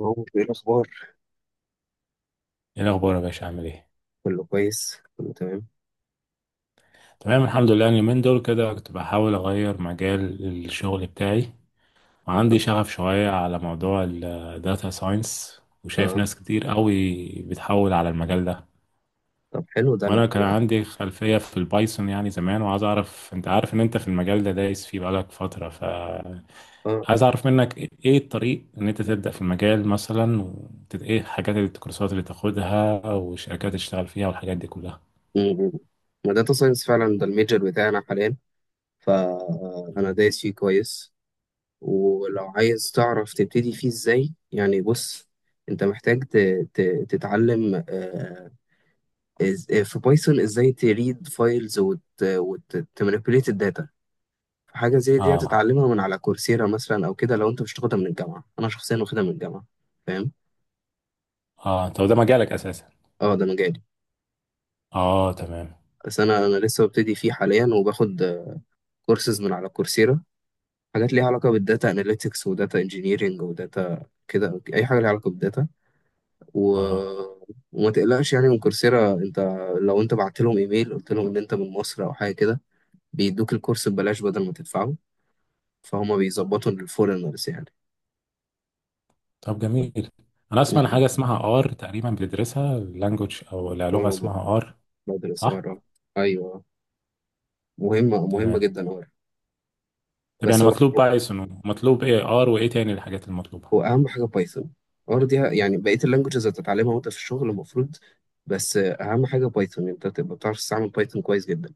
هو ايه الاخبار؟ ايه الاخبار يا باشا؟ عامل ايه؟ كله كويس، كله تمام. تمام، الحمد لله. أنا اليومين دول كده كنت بحاول اغير مجال الشغل بتاعي، اه. وعندي شغف شويه على موضوع الداتا ساينس، وشايف آه. ناس كتير قوي بتحول على المجال ده. طب، حلو ده. انا وانا كان انا عندي خلفيه في البايثون يعني زمان، وعايز اعرف، انت عارف ان انت في المجال ده دايس فيه بقالك فتره، اه. عايز اعرف منك إيه الطريق ان انت تبدا في المجال مثلا، ايه الحاجات الكورسات اللي تاخدها والشركات اللي تشتغل فيها والحاجات دي كلها. م- م. داتا ساينس فعلا ده الميجر بتاعنا حاليا، فانا دايس فيه كويس. ولو عايز تعرف تبتدي فيه ازاي، يعني بص، انت محتاج تتعلم في بايثون ازاي تريد فايلز وتمانيبيوليت الداتا. حاجة زي دي اه. هتتعلمها من على كورسيرا مثلا، او كده لو انت مش تاخدها من الجامعة. انا شخصيا واخدها من الجامعة، فاهم. اه. طب ده مجالك اساسا؟ اه، ده مجالي. اه، تمام. بس انا لسه ببتدي فيه حاليا، وباخد كورسز من على كورسيرا، حاجات ليها علاقه بالداتا اناليتكس وداتا انجينيرنج وداتا، كده اي حاجه ليها علاقه بالداتا. و... اه، وما تقلقش يعني من كورسيرا، انت لو انت بعت لهم ايميل قلت لهم ان انت من مصر او حاجه كده بيدوك الكورس ببلاش بدل ما تدفعه. فهم بيظبطوا للفورنرز يعني. طب جميل. انا اسمع عن حاجه اسمها ار تقريبا، بتدرسها لانجوج، او لا، لغه و- اسمها ار، بدرس، صح؟ اه. ايوه، مهمه مهمه تمام. جدا، اه. طب بس يعني هو مطلوب بايثون، ومطلوب ايه؟ ار وايه تاني الحاجات المطلوبه؟ واهم حاجه بايثون، دي يعني بقيه اللانجوجز هتتعلمها وانت في الشغل المفروض. بس اهم حاجه بايثون، انت تبقى بتعرف تستعمل بايثون كويس جدا.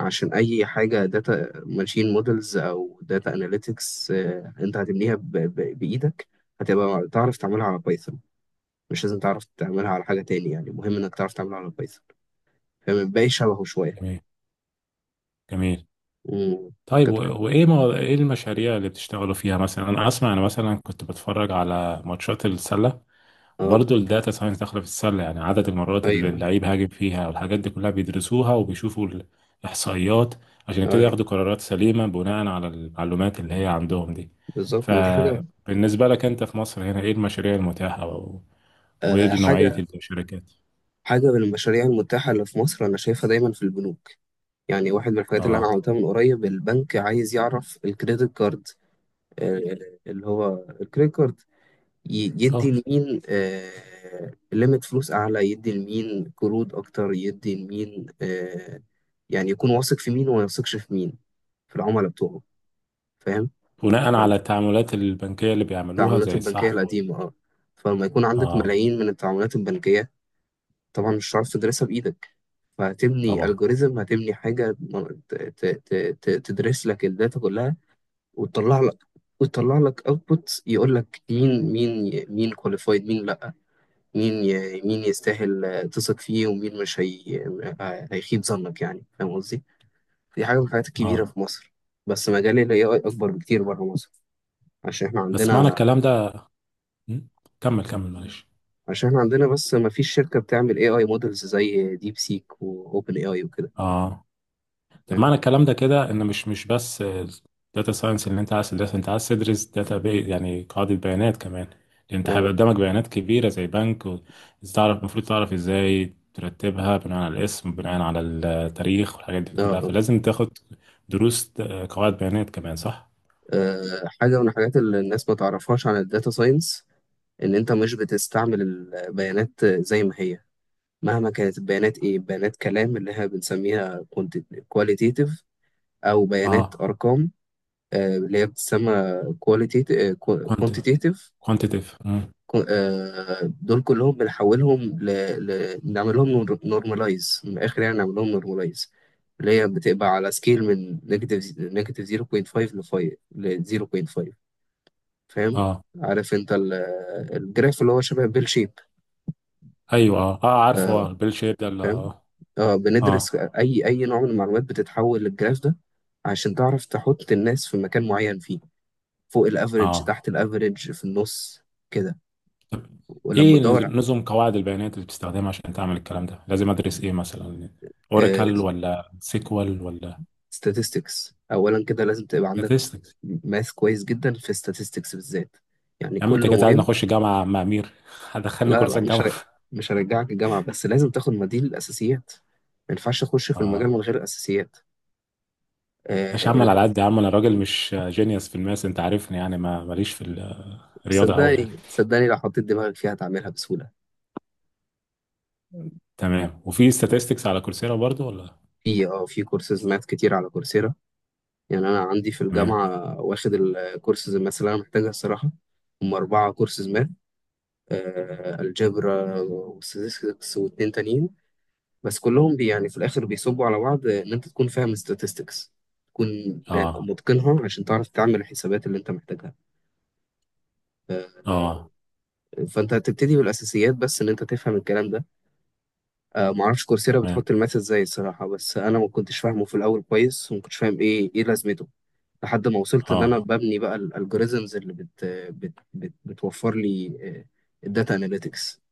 عشان اي حاجه داتا ماشين مودلز او داتا اناليتكس انت هتبنيها بايدك، هتبقى تعرف تعملها على بايثون. مش لازم تعرف تعملها على حاجه تاني، يعني مهم انك تعرف تعملها على بايثون، فما بقاش شبهه شويه. جميل. جميل. امم طيب كنت، وايه ايه المشاريع اللي بتشتغلوا فيها مثلا؟ انا اسمع، انا مثلا كنت بتفرج على ماتشات السله، اه. وبرضه الداتا ساينس داخله في السله، يعني عدد المرات اللي ايوه. اللعيب هاجم فيها والحاجات دي كلها بيدرسوها وبيشوفوا الاحصائيات عشان يبتدي ياخدوا ايوه، قرارات سليمه بناء على المعلومات اللي هي عندهم دي. بالظبط، ما دي حاجه. فبالنسبه لك انت في مصر هنا، ايه المشاريع المتاحه وايه آه، نوعيه حاجه الشركات؟ حاجه من المشاريع المتاحه اللي في مصر انا شايفها دايما في البنوك. يعني واحد من الحاجات اللي انا اه. عملتها من قريب، البنك عايز يعرف الكريدت كارد، آه، اللي هو الكريدت كارد يدي اه. لمين ليميت فلوس اعلى، يدي لمين قروض اكتر، يدي لمين، يعني يكون واثق في مين وما يثقش في مين في العملاء بتوعه، فاهم. بناء على التعاملات البنكيه اللي بيعملوها التعاملات زي البنكية السحب القديمة، اه. فلما يكون عندك اه، ملايين من التعاملات البنكية طبعا مش هتعرف تدرسها بإيدك، فهتبني طبعا. الجوريزم، هتبني حاجة تدرس لك الداتا كلها وتطلع لك، وتطلع لك اوتبوت يقول لك مين كواليفايد، مين لا، مين يستاهل تثق فيه، ومين مش هي... آه، هيخيب ظنك. يعني فاهم قصدي؟ دي حاجه من الحاجات الكبيره اه، في مصر. بس مجال ال AI اكبر بكتير بره مصر، عشان احنا بس معنى عندنا، الكلام ده... م? كمل، كمل، معلش. بس ما فيش شركه بتعمل AI مودلز زي ديب سيك واوبن اي اي وكده، اه، طب فاهم؟ معنى الكلام ده كده ان مش بس داتا ساينس اللي انت عايز تدرس انت عايز تدرس داتا بي، يعني قاعدة بيانات كمان، لان انت اه، هيبقى قدامك بيانات كبيرة زي بنك المفروض تعرف ازاي ترتبها بناء على الاسم، بناء على التاريخ، والحاجات دي اه، كلها، اه. فلازم تاخد دروس قواعد بيانات كمان، صح؟ حاجه من الحاجات اللي الناس ما تعرفهاش عن الداتا ساينس، ان انت مش بتستعمل البيانات زي ما هي. مهما كانت البيانات، ايه، بيانات كلام اللي احنا بنسميها كواليتيتيف، او بيانات اه. ارقام اللي هي بتسمى كواليتيتيف، كوانت كوانتيتيف. كوانتيتيف. دول كلهم بنحولهم نعمل لهم نورماليز، من الاخر يعني نعمل لهم نورماليز، اللي هي بتبقى على سكيل من نيجاتيف 0.5 ل 5 ل 0.5، فاهم. اه، عارف انت الجراف اللي هو شبه بيل شيب، ايوه، اه، اه، عارفه، اه، البيل شيب ده فاهم. اه، اه، بندرس اي نوع من المعلومات بتتحول للجراف ده، عشان تعرف تحط الناس في مكان معين فيه، فوق الافريج، اه. تحت الافريج، في النص كده. طب ولما ايه تدور نظم قواعد البيانات اللي بتستخدمها عشان تعمل الكلام ده؟ لازم ادرس ايه مثلا؟ آه، اوراكل، ولا سيكوال، ولا statistics اولا كده لازم تبقى عندك، statistics؟ ماث كويس جدا في statistics بالذات، يعني يا عم انت كله كده عايز مهم. نخش جامعه مع امير هدخلني لا لا، كورسات جامعه مش هرجعك الجامعة، بس لازم تاخد مديل الاساسيات، ما ينفعش تخش في المجال اه، من غير اساسيات. ماشي يا آه، عم. ال- أنا على قد يا عم، انا راجل مش جينيوس في الماس، انت عارفني يعني، ما ماليش في الرياضه قوي يعني. صدقني صدقني، لو حطيت دماغك فيها هتعملها بسهولة. تمام. وفي statistics على كورسيرا برضو ولا؟ في، اه، في كورسز ماث كتير على كورسيرا. يعني انا عندي في تمام. الجامعه واخد الكورسز الماث اللي انا محتاجها الصراحه، هم اربعه كورسز ماث. آه، الجبر وستاتستكس واتنين تانيين. بس كلهم بي يعني في الاخر بيصبوا على بعض، ان انت تكون فاهم statistics، تكون اه. متقنها، عشان تعرف تعمل الحسابات اللي انت محتاجها. آه، اه. فانت هتبتدي بالاساسيات بس ان انت تفهم الكلام ده. معرفش كورسيرا تمام. بتحط الماث ازاي الصراحه، بس انا ما كنتش فاهمه في الاول كويس، وما كنتش فاهم ايه لازمته، لحد ما وصلت ان انا اه. ببني بقى الالجوريزمز اللي بت بت بت بتوفر لي الداتا اناليتكس.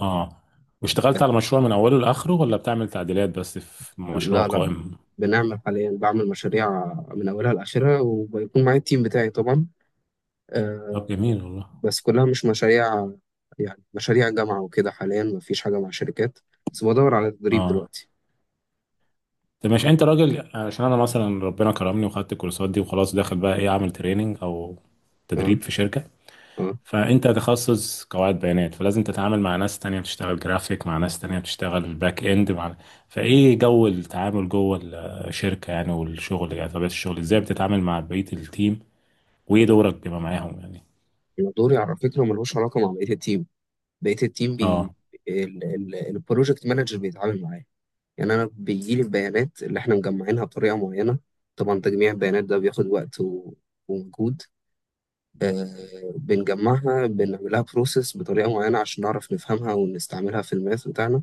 اه. واشتغلت على مشروع من اوله لاخره، ولا بتعمل تعديلات بس في مشروع لا لا، قائم؟ بنعمل حاليا، بعمل مشاريع من اولها لاخرها، وبيكون معايا التيم بتاعي طبعا. طب آه، جميل والله. بس كلها مش مشاريع، يعني مشاريع جامعه وكده، حاليا مفيش حاجه مع شركات، بس بدور على تدريب اه، دلوقتي. طب مش انت راجل؟ عشان انا مثلا، ربنا كرمني وخدت الكورسات دي وخلاص، داخل بقى، ايه؟ اعمل تريننج او اه، تدريب في شركة، اه. فانت تخصص قواعد بيانات فلازم تتعامل مع ناس تانية بتشتغل جرافيك، مع ناس تانية بتشتغل باك اند، مع... فايه جو التعامل جوه الشركة يعني، والشغل يعني، طبيعة الشغل، ازاي بتتعامل مع بقية التيم؟ وايه دورك بما معاهم يعني؟ أنا دوري على فكره ملوش علاقه مع بقيه التيم، بقيه التيم بي، اه. البروجكت مانجر بيتعامل معايا. يعني انا بيجي لي البيانات اللي احنا مجمعينها بطريقه معينه، طبعا تجميع البيانات ده بياخد وقت ومجهود. آه، بنجمعها، بنعملها بروسيس بطريقه معينه عشان نعرف نفهمها ونستعملها في الماث بتاعنا.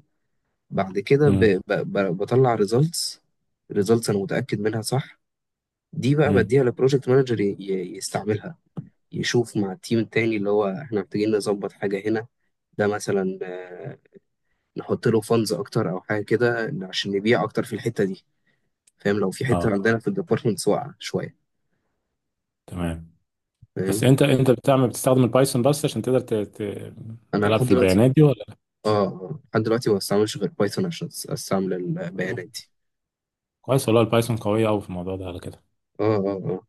بعد كده امم بطلع ريزلتس، ريزلتس انا متاكد منها صح، دي بقى امم بديها للبروجكت مانجر يستعملها، يشوف مع التيم التاني اللي هو احنا محتاجين نظبط حاجه هنا، ده مثلا نحط له فانز اكتر او حاجه كده عشان نبيع اكتر في الحته دي، فاهم، لو في حته اه. عندنا في الديبارتمنتس واقعه شويه، تمام. بس فاهم. انت بتستخدم البايثون بس عشان تقدر انا تلعب لحد في دلوقتي، البيانات دي ولا؟ اه، آه، آه. لحد دلوقتي ما بستعملش غير بايثون عشان استعمل البيانات دي. كويس والله، البايثون قوية أوي في الموضوع ده على كده. اه اه اه.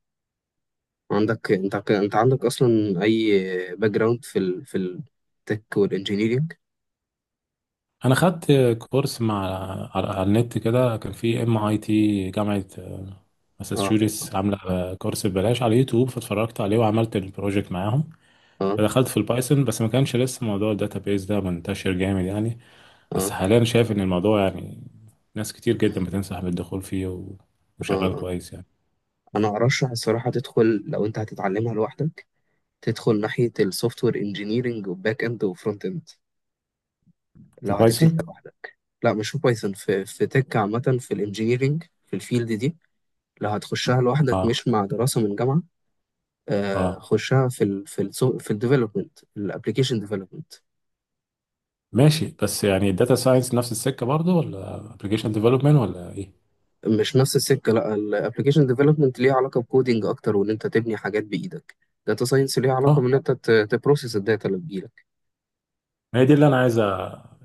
عندك انت انت عندك اصلا اي باك جراوند في في التك والانجينيرينج. أنا خدت كورس مع على النت كده، كان في ام اي تي، جامعة اه، عارفها. ماساتشوستس، عاملة كورس ببلاش على يوتيوب، فاتفرجت عليه وعملت البروجكت معاهم. اه فدخلت في البايثون بس ما كانش لسه موضوع الداتابيز ده منتشر جامد يعني. اه بس حاليا شايف إن الموضوع يعني، ناس كتير جدا بتنصح بالدخول فيه اه. وشغال آه. كويس يعني. انا ارشح الصراحه تدخل، لو انت هتتعلمها لوحدك تدخل ناحيه السوفت وير انجينيرنج وباك اند وفرونت اند. في لو هتبتدي بايثون. لوحدك، لا مش في بايثون، في، في تك عامه، في الانجينيرنج، في الفيلد دي، لو هتخشها لوحدك اه. مش مع دراسة من جامعة، اه، خشها في ال في ال في الديفلوبمنت، الابلكيشن ديفلوبمنت. ماشي. بس يعني الداتا ساينس نفس السكة برضه، ولا ابلكيشن ديفلوبمنت، ولا ايه؟ مش نفس السكة، لا الابلكيشن ديفلوبمنت ليه علاقة بكودينج اكتر، وان انت تبني حاجات بايدك. داتا ساينس ليه علاقة اه. بان انت تبروسيس الداتا اللي بتجيلك. هي دي اللي انا عايز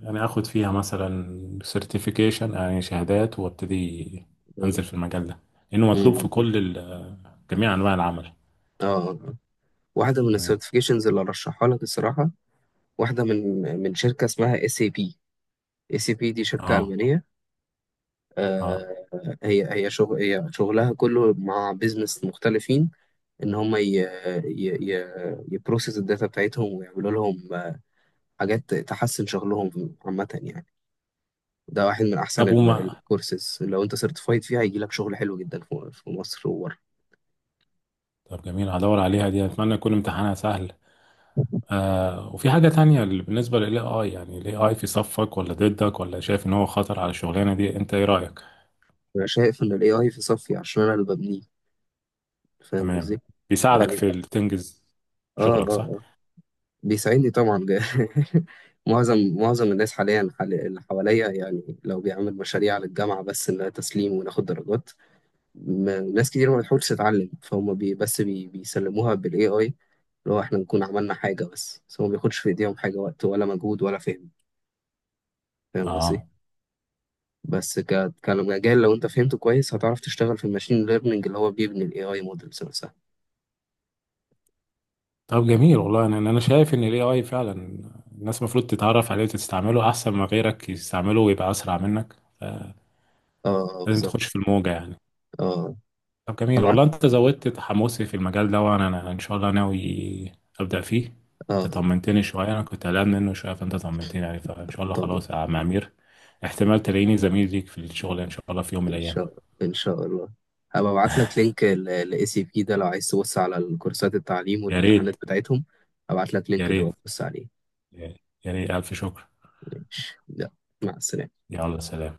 يعني اخد فيها مثلا سيرتيفيكيشن، يعني شهادات، وابتدي انزل في المجال ده لانه مطلوب في مم. كل جميع انواع العمل. اه، آه. واحدة من تمام. السيرتيفيكيشنز اللي ارشحها لك الصراحة، واحدة من شركة اسمها اس اي بي. اس اي بي دي شركة اه. ألمانية، اه، آه. هي شغلها كله مع بيزنس مختلفين، ان هم ي... ي... يبروسس الداتا بتاعتهم ويعملوا لهم حاجات تحسن شغلهم عامة يعني. ده واحد من احسن طب الكورسز، لو انت سيرتيفايد فيها هيجي لك شغل حلو جدا في، في مصر وبره. طب جميل، هدور عليها دي، اتمنى يكون امتحانها سهل. وفي حاجة تانية، اللي بالنسبة للاي اي يعني، الاي اي في صفك ولا ضدك؟ ولا شايف ان هو خطر على الشغلانة دي؟ انت ايه رأيك؟ انا شايف ان الاي اي في صفي، عشان انا اللي ببنيه، فاهم تمام، قصدي. بيساعدك يعني في تنجز اه اه، شغلك، صح؟ آه. بيساعدني طبعا. معظم الناس حاليا، اللي حواليا، يعني لو بيعمل مشاريع للجامعة بس انها تسليم وناخد درجات، ما ناس كتير ما بتحاولش تتعلم، فهم بي بس بي بيسلموها بالاي اي، اللي هو احنا نكون عملنا حاجه، بس هو ما بياخدش في ايديهم حاجه، وقت ولا مجهود ولا فهم، فاهم قصدي. اه، بس كمجال، لو انت فهمته كويس هتعرف تشتغل في الماشين ليرنينج اللي هو بيبني الاي اي مودلز نفسها. طب جميل والله، انا شايف ان الاي اي فعلا الناس المفروض تتعرف عليه وتستعمله احسن ما غيرك يستعمله ويبقى اسرع منك. اه، لازم تخش بالظبط. في الموجة يعني. اه. طب جميل ابعت، والله، انت زودت تحمسي في المجال ده، وانا ان شاء الله ناوي ابدا فيه. انت اه. طمنتني شوية، انا كنت قلقان منه شوية، فانت طمنتني يعني، فان شاء الله طبعا، خلاص يا عم امير، احتمال تلاقيني زميل ليك في الشغل ان شاء الله في يوم من ان الايام. شاء الله ان شاء الله. هبقى ابعت لك لينك الاي سي بي ده، لو عايز تبص على الكورسات التعليم يا ريت. والامتحانات بتاعتهم. ابعت لك لينك يا ريت. تبقى تبص عليه. يا ريت، الف شكر. ماشي، مع السلامه. يلا، سلام.